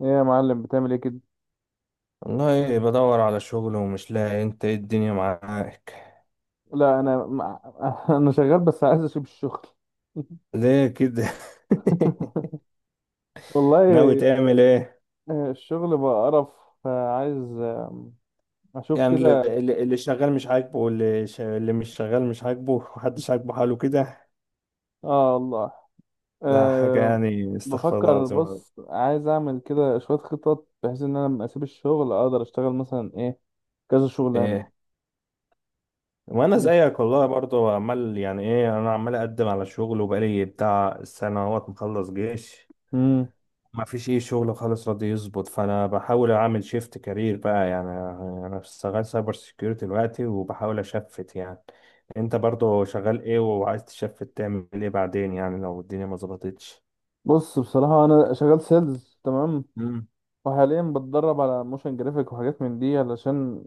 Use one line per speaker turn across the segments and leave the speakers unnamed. ايه يا معلم، بتعمل ايه كده؟
والله بدور على شغل ومش لاقي. انت ايه الدنيا معاك؟
لا، انا انا شغال، بس عايز اسيب الشغل.
ليه كده؟ ناوي
والله.
تعمل ايه؟
الشغل بقى قرف، فعايز اشوف
يعني
كده.
اللي اللي- اللي شغال مش عاجبه، واللي ش... اللي مش شغال مش عاجبه، محدش عاجبه حاله كده.
اه والله.
ده حاجة،
أه.
يعني استغفر الله
بفكر،
العظيم يا رب.
بص، عايز اعمل كده شوية خطط، بحيث ان انا لما اسيب الشغل اقدر اشتغل مثلا ايه، كذا شغلانة.
ايه، وانا زيك والله برضه عمال، يعني ايه، انا عمال اقدم على شغل وبقالي بتاع سنة اهوت مخلص جيش.
امم
ما فيش ايه شغل خالص راضي يظبط، فانا بحاول اعمل شيفت كارير بقى يعني. انا شغال سايبر سيكيورتي دلوقتي وبحاول اشفت يعني. انت برضو شغال ايه وعايز تشفت تعمل ايه بعدين يعني لو الدنيا ما ظبطتش؟
بص، بصراحة انا شغال سيلز، تمام.
مم.
وحاليا بتدرب على موشن جرافيك وحاجات من دي، علشان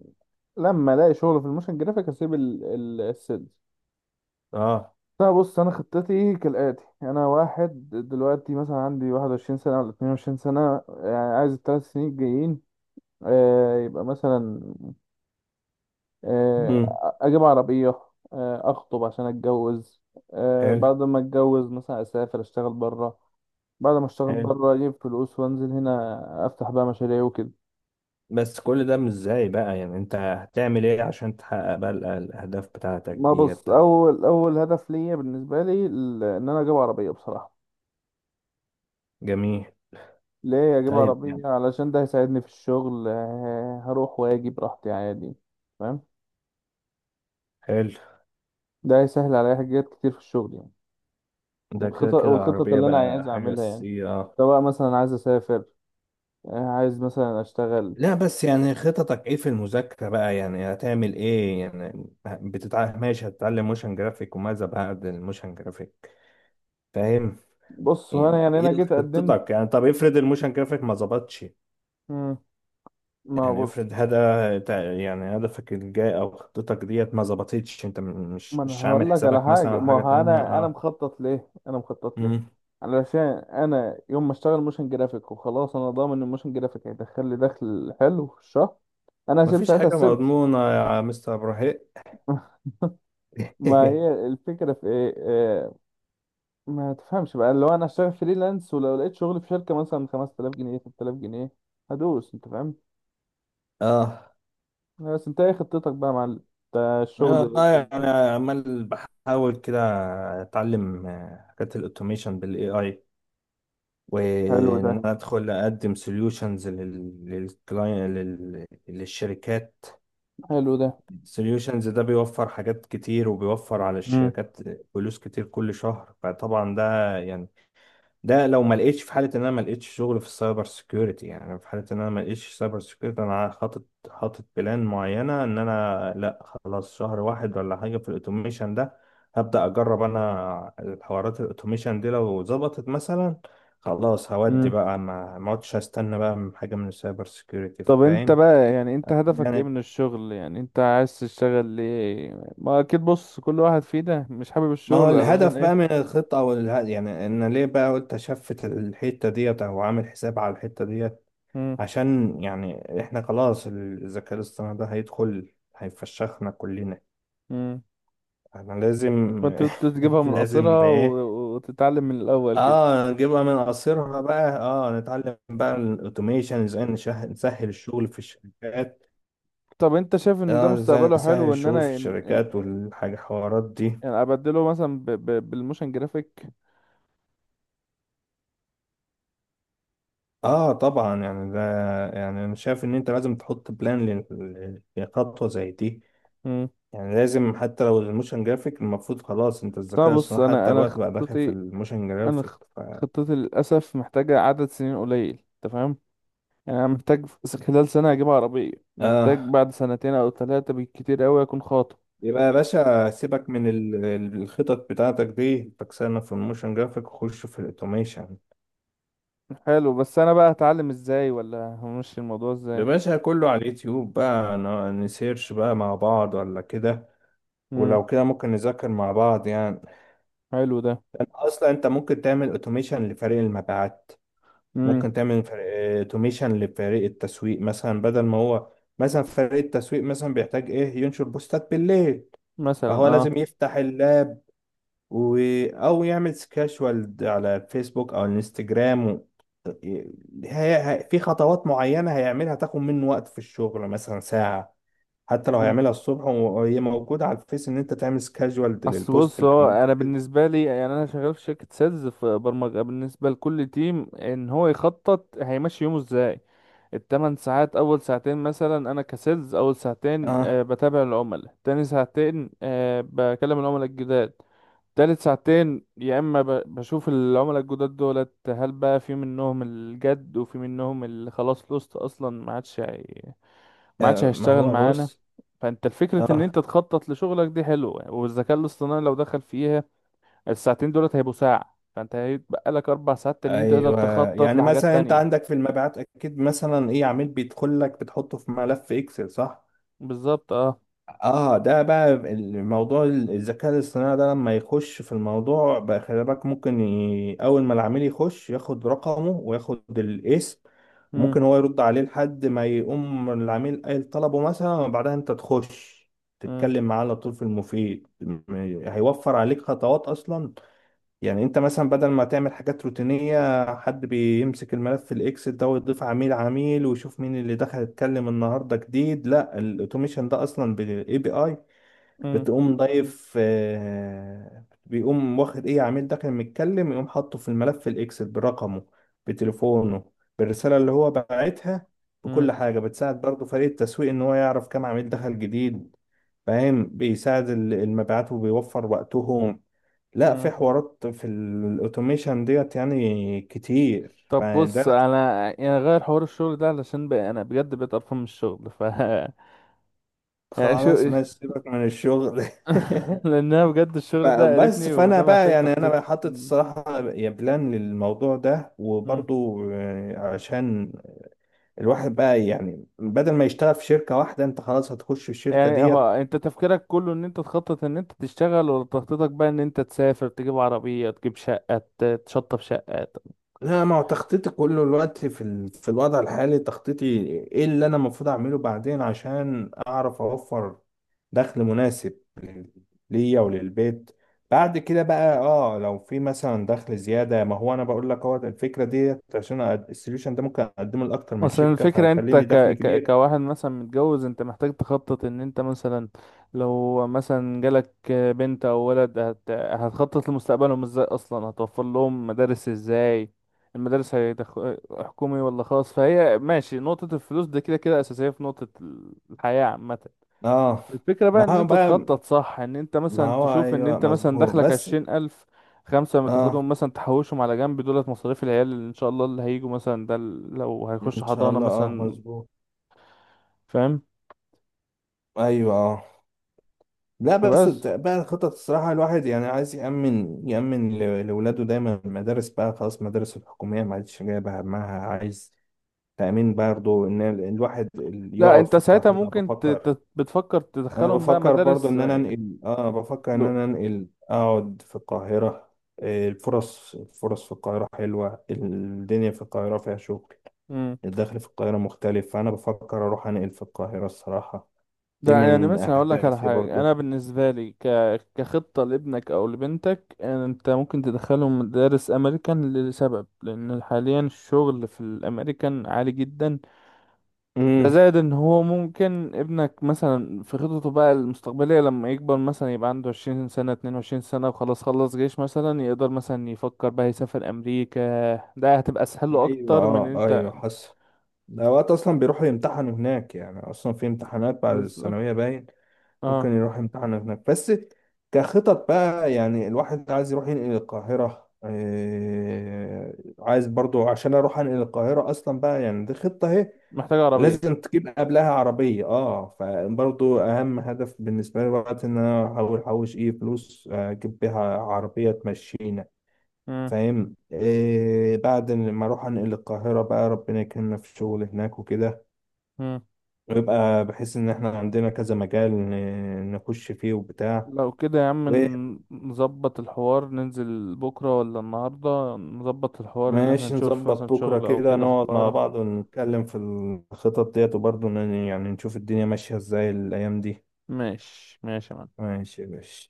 لما الاقي شغل في الموشن جرافيك اسيب السيلز.
اه.
لا، بص، انا خطتي كالاتي: انا واحد دلوقتي مثلا عندي 21 سنه ولا 22 سنه، يعني عايز الثلاث سنين الجايين، يبقى مثلا، آه،
امم.
اجيب عربيه، اخطب عشان اتجوز،
حلو.
بعد ما اتجوز مثلا اسافر اشتغل بره. بعد ما اشتغل
حلو،
بره اجيب فلوس، وانزل هنا افتح بقى مشاريع وكده.
بس كل ده مش ازاي بقى يعني؟ انت هتعمل ايه عشان تحقق بقى الاهداف بتاعتك
ما
دي
بص،
بتاع؟
اول اول هدف ليا بالنسبه لي ان انا اجيب عربيه، بصراحه.
جميل.
ليه اجيب
طيب يعني.
عربية؟ علشان ده هيساعدني في الشغل، هروح واجي براحتي عادي. فاهم؟
حلو.
ده هيسهل عليا حاجات كتير في الشغل يعني.
ده كده
والخطط
كده
والخطط
العربية
اللي انا عايز
بقى حاجة
اعملها يعني.
أساسية.
سواء مثلا عايز اسافر، عايز مثلا اشتغل.
لا بس يعني خططك ايه في المذاكرة بقى يعني؟ هتعمل ايه يعني؟ بتتعلم ماشي، هتتعلم موشن جرافيك، وماذا بعد الموشن جرافيك؟ فاهم.
بص هو انا
ايه
يعني انا
إيه
جيت قدمت.
خطتك يعني؟ طب افرض الموشن جرافيك ما ظبطش،
مم. ما
يعني
بص.
افرض يعني هدفك الجاي او خطتك ديت ما ظبطتش، انت مش
ما انا
مش عامل
هقول لك على
حسابك مثلا
حاجه،
على
ما
حاجة
هو
تانية؟
انا
اه.
مخطط ليه، انا مخطط ليه.
امم.
علشان انا يوم ما اشتغل موشن جرافيك وخلاص، انا ضامن ان الموشن جرافيك هيدخل لي دخل حلو في الشهر. انا هسيب
مفيش
ساعتها
حاجة
السيلز.
مضمونة يا مستر ابراهيم.
ما هي الفكرة في ايه، ما تفهمش بقى، لو انا هشتغل فريلانس ولو لقيت شغل في شركة مثلا 5000 جنيه 3000 جنيه، هدوس، انت فاهم.
اه.
بس انت ايه خطتك بقى يا معلم؟ ده
انا
الشغل.
والله انا عمال بحاول كده اتعلم حاجات الاوتوميشن بالاي اي،
حلو ده.
وان انا ادخل اقدم سوليوشنز للكلاين، للشركات.
حلو ده.
سوليوشنز ده بيوفر حاجات كتير وبيوفر على
امم
الشركات فلوس كتير كل شهر. فطبعا ده يعني ده لو ما لقيتش، في حاله ان انا ما لقيتش شغل في السايبر سيكيورتي، يعني في حاله ان انا ما لقيتش سايبر سيكيورتي، انا حاطط بلان معينه ان انا لا خلاص، شهر واحد ولا حاجه في الاوتوميشن ده هبدا اجرب انا الحوارات الاوتوميشن دي. لو ظبطت مثلا، خلاص هودي
امم
بقى، ما اقعدش استنى بقى من حاجه من السايبر سيكيورتي،
طب انت
فاهم؟
بقى يعني انت هدفك ايه
يعني
من الشغل؟ يعني انت عايز تشتغل ليه؟ ما اكيد بص، كل واحد فينا مش حابب
ما هو
الشغل، علشان
الهدف بقى من
ايه؟
الخطه او يعني ان ليه بقى قلت اشفت الحته ديت او عامل حساب على الحته ديت؟
امم
عشان يعني احنا خلاص الذكاء الاصطناعي ده هيدخل هيفشخنا كلنا.
امم
احنا لازم.
فانت تجيبها من
لازم
قصرها
ايه،
وتتعلم من الاول كده.
اه، نجيبها من قصيرها بقى، اه، نتعلم بقى الاوتوميشن ازاي نسهل الشغل في الشركات.
طب انت شايف ان ده
اه، ازاي
مستقبله
نسهل
حلو؟ ان
الشغل في
انا،
الشركات والحاجة حوارات دي.
يعني ابدله مثلا بالموشن جرافيك.
اه طبعا يعني ده، يعني انا شايف ان انت لازم تحط بلان لخطوة زي دي.
مم.
يعني لازم، حتى لو الموشن جرافيك، المفروض خلاص انت
طب
الذكاء
بص،
الصناعي
انا
حتى
انا
الوقت بقى داخل في
خطتي،
الموشن
انا
جرافيك
خ-
ف...
خطتي للاسف محتاجه عدد سنين قليل، انت فاهم؟ يعني انا محتاج، خلال سنه اجيب عربيه. محتاج
اه.
بعد سنتين او ثلاثه بالكتير قوي اكون خاطب.
يبقى يا باشا سيبك من الخطط بتاعتك دي، تكسرنا في الموشن جرافيك وخش في الاوتوميشن.
حلو، بس انا بقى هتعلم ازاي، ولا همشي الموضوع
يا
ازاي؟
باشا كله على اليوتيوب بقى، نسيرش بقى مع بعض ولا كده؟
مم.
ولو كده ممكن نذاكر مع بعض يعني.
حلو ده.
انت اصلا انت ممكن تعمل اوتوميشن لفريق المبيعات.
امم
ممكن تعمل اوتوميشن لفريق التسويق مثلا، بدل ما هو مثلا فريق التسويق مثلا بيحتاج ايه، ينشر بوستات بالليل،
مثلا
فهو
اه.
لازم يفتح اللاب و... او يعمل سكاشوال على الفيسبوك او الانستجرام و... في خطوات معينة هيعملها تاخد منه وقت في الشغل مثلا ساعة. حتى لو هيعملها الصبح وهي موجودة على الفيس، ان انت تعمل سكاشوال
اصل
للبوست
بص،
اللي
هو انا
هينزل.
بالنسبه لي يعني انا شغال في شركه سيلز في برمجه، بالنسبه لكل تيم ان هو يخطط هيمشي يومه ازاي. التمن ساعات، اول ساعتين مثلا انا كسيلز، اول ساعتين
اه.
بتابع العملاء، تاني ساعتين بكلم العملاء الجداد. تالت ساعتين يا اما بشوف العملاء الجداد دولت، هل بقى في منهم الجد وفي منهم اللي خلاص لوست اصلا ما عادش
ما
هيشتغل
هو
معانا.
بص.
فانت الفكرة ان
اه.
انت تخطط لشغلك دي حلوة، والذكاء الاصطناعي لو دخل فيها الساعتين دولت هيبقوا ساعة، فانت هيتبقى لك 4 ساعات تانيين تقدر
ايوه،
تخطط
يعني
لحاجات
مثلا انت
تانية.
عندك في المبيعات اكيد مثلا ايه، عميل بيدخل لك بتحطه في ملف اكسل، صح؟
بالظبط اه.
اه، ده بقى الموضوع. الذكاء الاصطناعي ده لما يخش في الموضوع بقى، خلي بالك ممكن ي... اول ما العميل يخش ياخد رقمه وياخد الاسم،
مم.
وممكن هو يرد عليه لحد ما يقوم العميل قايل طلبه مثلا، وبعدها انت تخش
مم.
تتكلم معاه على طول في المفيد. هيوفر عليك خطوات اصلا. يعني انت مثلا بدل ما تعمل حاجات روتينية، حد بيمسك الملف في الاكسل ده ويضيف عميل عميل ويشوف مين اللي دخل اتكلم النهاردة جديد، لا، الاوتوميشن ده اصلا بالاي بي اي
مم.
بتقوم ضايف، بيقوم واخد ايه عميل داخل متكلم، يقوم حاطه في الملف في الاكسل برقمه، بتليفونه، بالرسالة اللي هو باعتها،
مم.
بكل حاجة. بتساعد برضه فريق التسويق ان هو يعرف كام عميل دخل جديد. فاهم، بيساعد المبيعات وبيوفر وقتهم. لا
مم.
في حوارات في الاوتوميشن ديت يعني كتير،
طب
فده
بص انا يعني غير حوار الشغل ده، علشان بقى انا بجد بقيت قرفان من الشغل ف يعني
خلاص
شو
ماشي سيبك من الشغل.
لان انا بجد الشغل ده
بس
قرفني،
فانا
وده
بقى
محتاج
يعني انا
تخطيط.
بقى حاطط الصراحه يا بلان للموضوع ده،
مم.
وبرضو عشان الواحد بقى، يعني بدل ما يشتغل في شركه واحده، انت خلاص هتخش في الشركه
يعني هو
ديت.
انت تفكيرك كله ان انت تخطط ان انت تشتغل، ولا تخطيطك بقى ان انت تسافر، تجيب عربية، تجيب شقة، تشطب شقة؟
لا، ما هو تخطيطي كله الوقت في ال... في الوضع الحالي تخطيطي ايه اللي انا المفروض اعمله بعدين، عشان اعرف اوفر دخل مناسب ليا وللبيت. بعد كده بقى اه، لو في مثلا دخل زيادة. ما هو انا بقول لك هو الفكرة ديت، عشان السوليوشن ده ممكن اقدمه لاكتر من
مثلا
شركة
الفكرة، انت
فهيخليني دخل كبير.
كواحد مثلا متجوز، انت محتاج تخطط ان انت مثلا. لو مثلا جالك بنت او ولد، هتخطط لمستقبلهم ازاي، اصلا هتوفر لهم مدارس ازاي؟ المدارس حكومي ولا خاص؟ فهي ماشي، نقطة الفلوس دي كده كده اساسية في نقطة الحياة عامة.
اه.
الفكرة بقى
ما
ان
هو
انت
بقى
تخطط صح، ان انت
ما
مثلا
هو
تشوف ان
ايوه
انت مثلا
مظبوط
دخلك
بس.
20 الف، خمسة ما
اه،
تاخدهم مثلا تحوشهم على جنب، دولت مصاريف العيال اللي ان شاء الله اللي هيجوا مثلا، ده لو هيخش
ان شاء
حضانة
الله، اه
مثلا.
مظبوط.
فاهم؟
ايوه اه. لا بس
فبس.
بقى الخطط الصراحة، الواحد يعني عايز يأمن، يأمن لولاده دايما. المدارس بقى خلاص المدارس الحكومية ما عادش جايبة همها، عايز تأمين برضه. إن الواحد
لا،
يقعد
انت
في
ساعتها
القاهرة،
ممكن
بفكر.
بتفكر
أنا
تدخلهم بقى
بفكر برضه
مدارس،
إن أنا أنقل، آه بفكر إن
لو.
أنا أنقل أقعد في القاهرة. الفرص، الفرص في القاهرة حلوة، الدنيا في القاهرة فيها شغل.
مم.
الدخل في القاهرة مختلف، فأنا بفكر أروح أنقل في القاهرة الصراحة. دي
ده يعني
من
مثلا اقول لك على
أهدافي
حاجة، انا
برضه.
بالنسبة لي كخطة لابنك او لبنتك، انت ممكن تدخلهم مدارس امريكان، لسبب لان حاليا الشغل في الامريكان عالي جدا. ده زائد ان هو ممكن ابنك مثلا في خططه بقى المستقبلية، لما يكبر مثلا يبقى عنده 20 سنة، 22 سنة، وخلاص خلص جيش، مثلا يقدر مثلا يفكر بقى يسافر امريكا. ده هتبقى اسهل له
ايوه
اكتر من إن
اه،
انت.
ايوه حصل. ده وقت اصلا بيروحوا يمتحنوا هناك يعني، اصلا في امتحانات بعد
بالظبط.
الثانويه باين. ممكن
اه
يروح يمتحن هناك بس. كخطط بقى يعني الواحد عايز يروح ينقل القاهره، إيه عايز برضو عشان اروح انقل القاهره اصلا بقى، يعني دي خطه اهي.
محتاج عربية.
لازم تجيب قبلها عربيه اه. فبرضو اهم هدف بالنسبه لي وقت، ان انا احاول احوش ايه فلوس، اجيب بيها عربيه تمشيني.
مم.
فاهم. إيه بعد ما اروح انقل القاهرة بقى، ربنا يكرمنا في الشغل هناك وكده،
مم.
ويبقى بحيث ان احنا عندنا كذا مجال نخش فيه وبتاع.
لو كده يا عم، نظبط الحوار ننزل بكرة ولا النهاردة؟ نظبط الحوار ان احنا
وماشي
نشوف مثلا
نظبط بكرة
شغل او
كده،
كده في
نقعد مع
القاهرة.
بعض ونتكلم في الخطط ديت، وبرضه يعني نشوف الدنيا ماشية ازاي الأيام دي.
ماشي ماشي يا معلم.
ماشي يا باشا.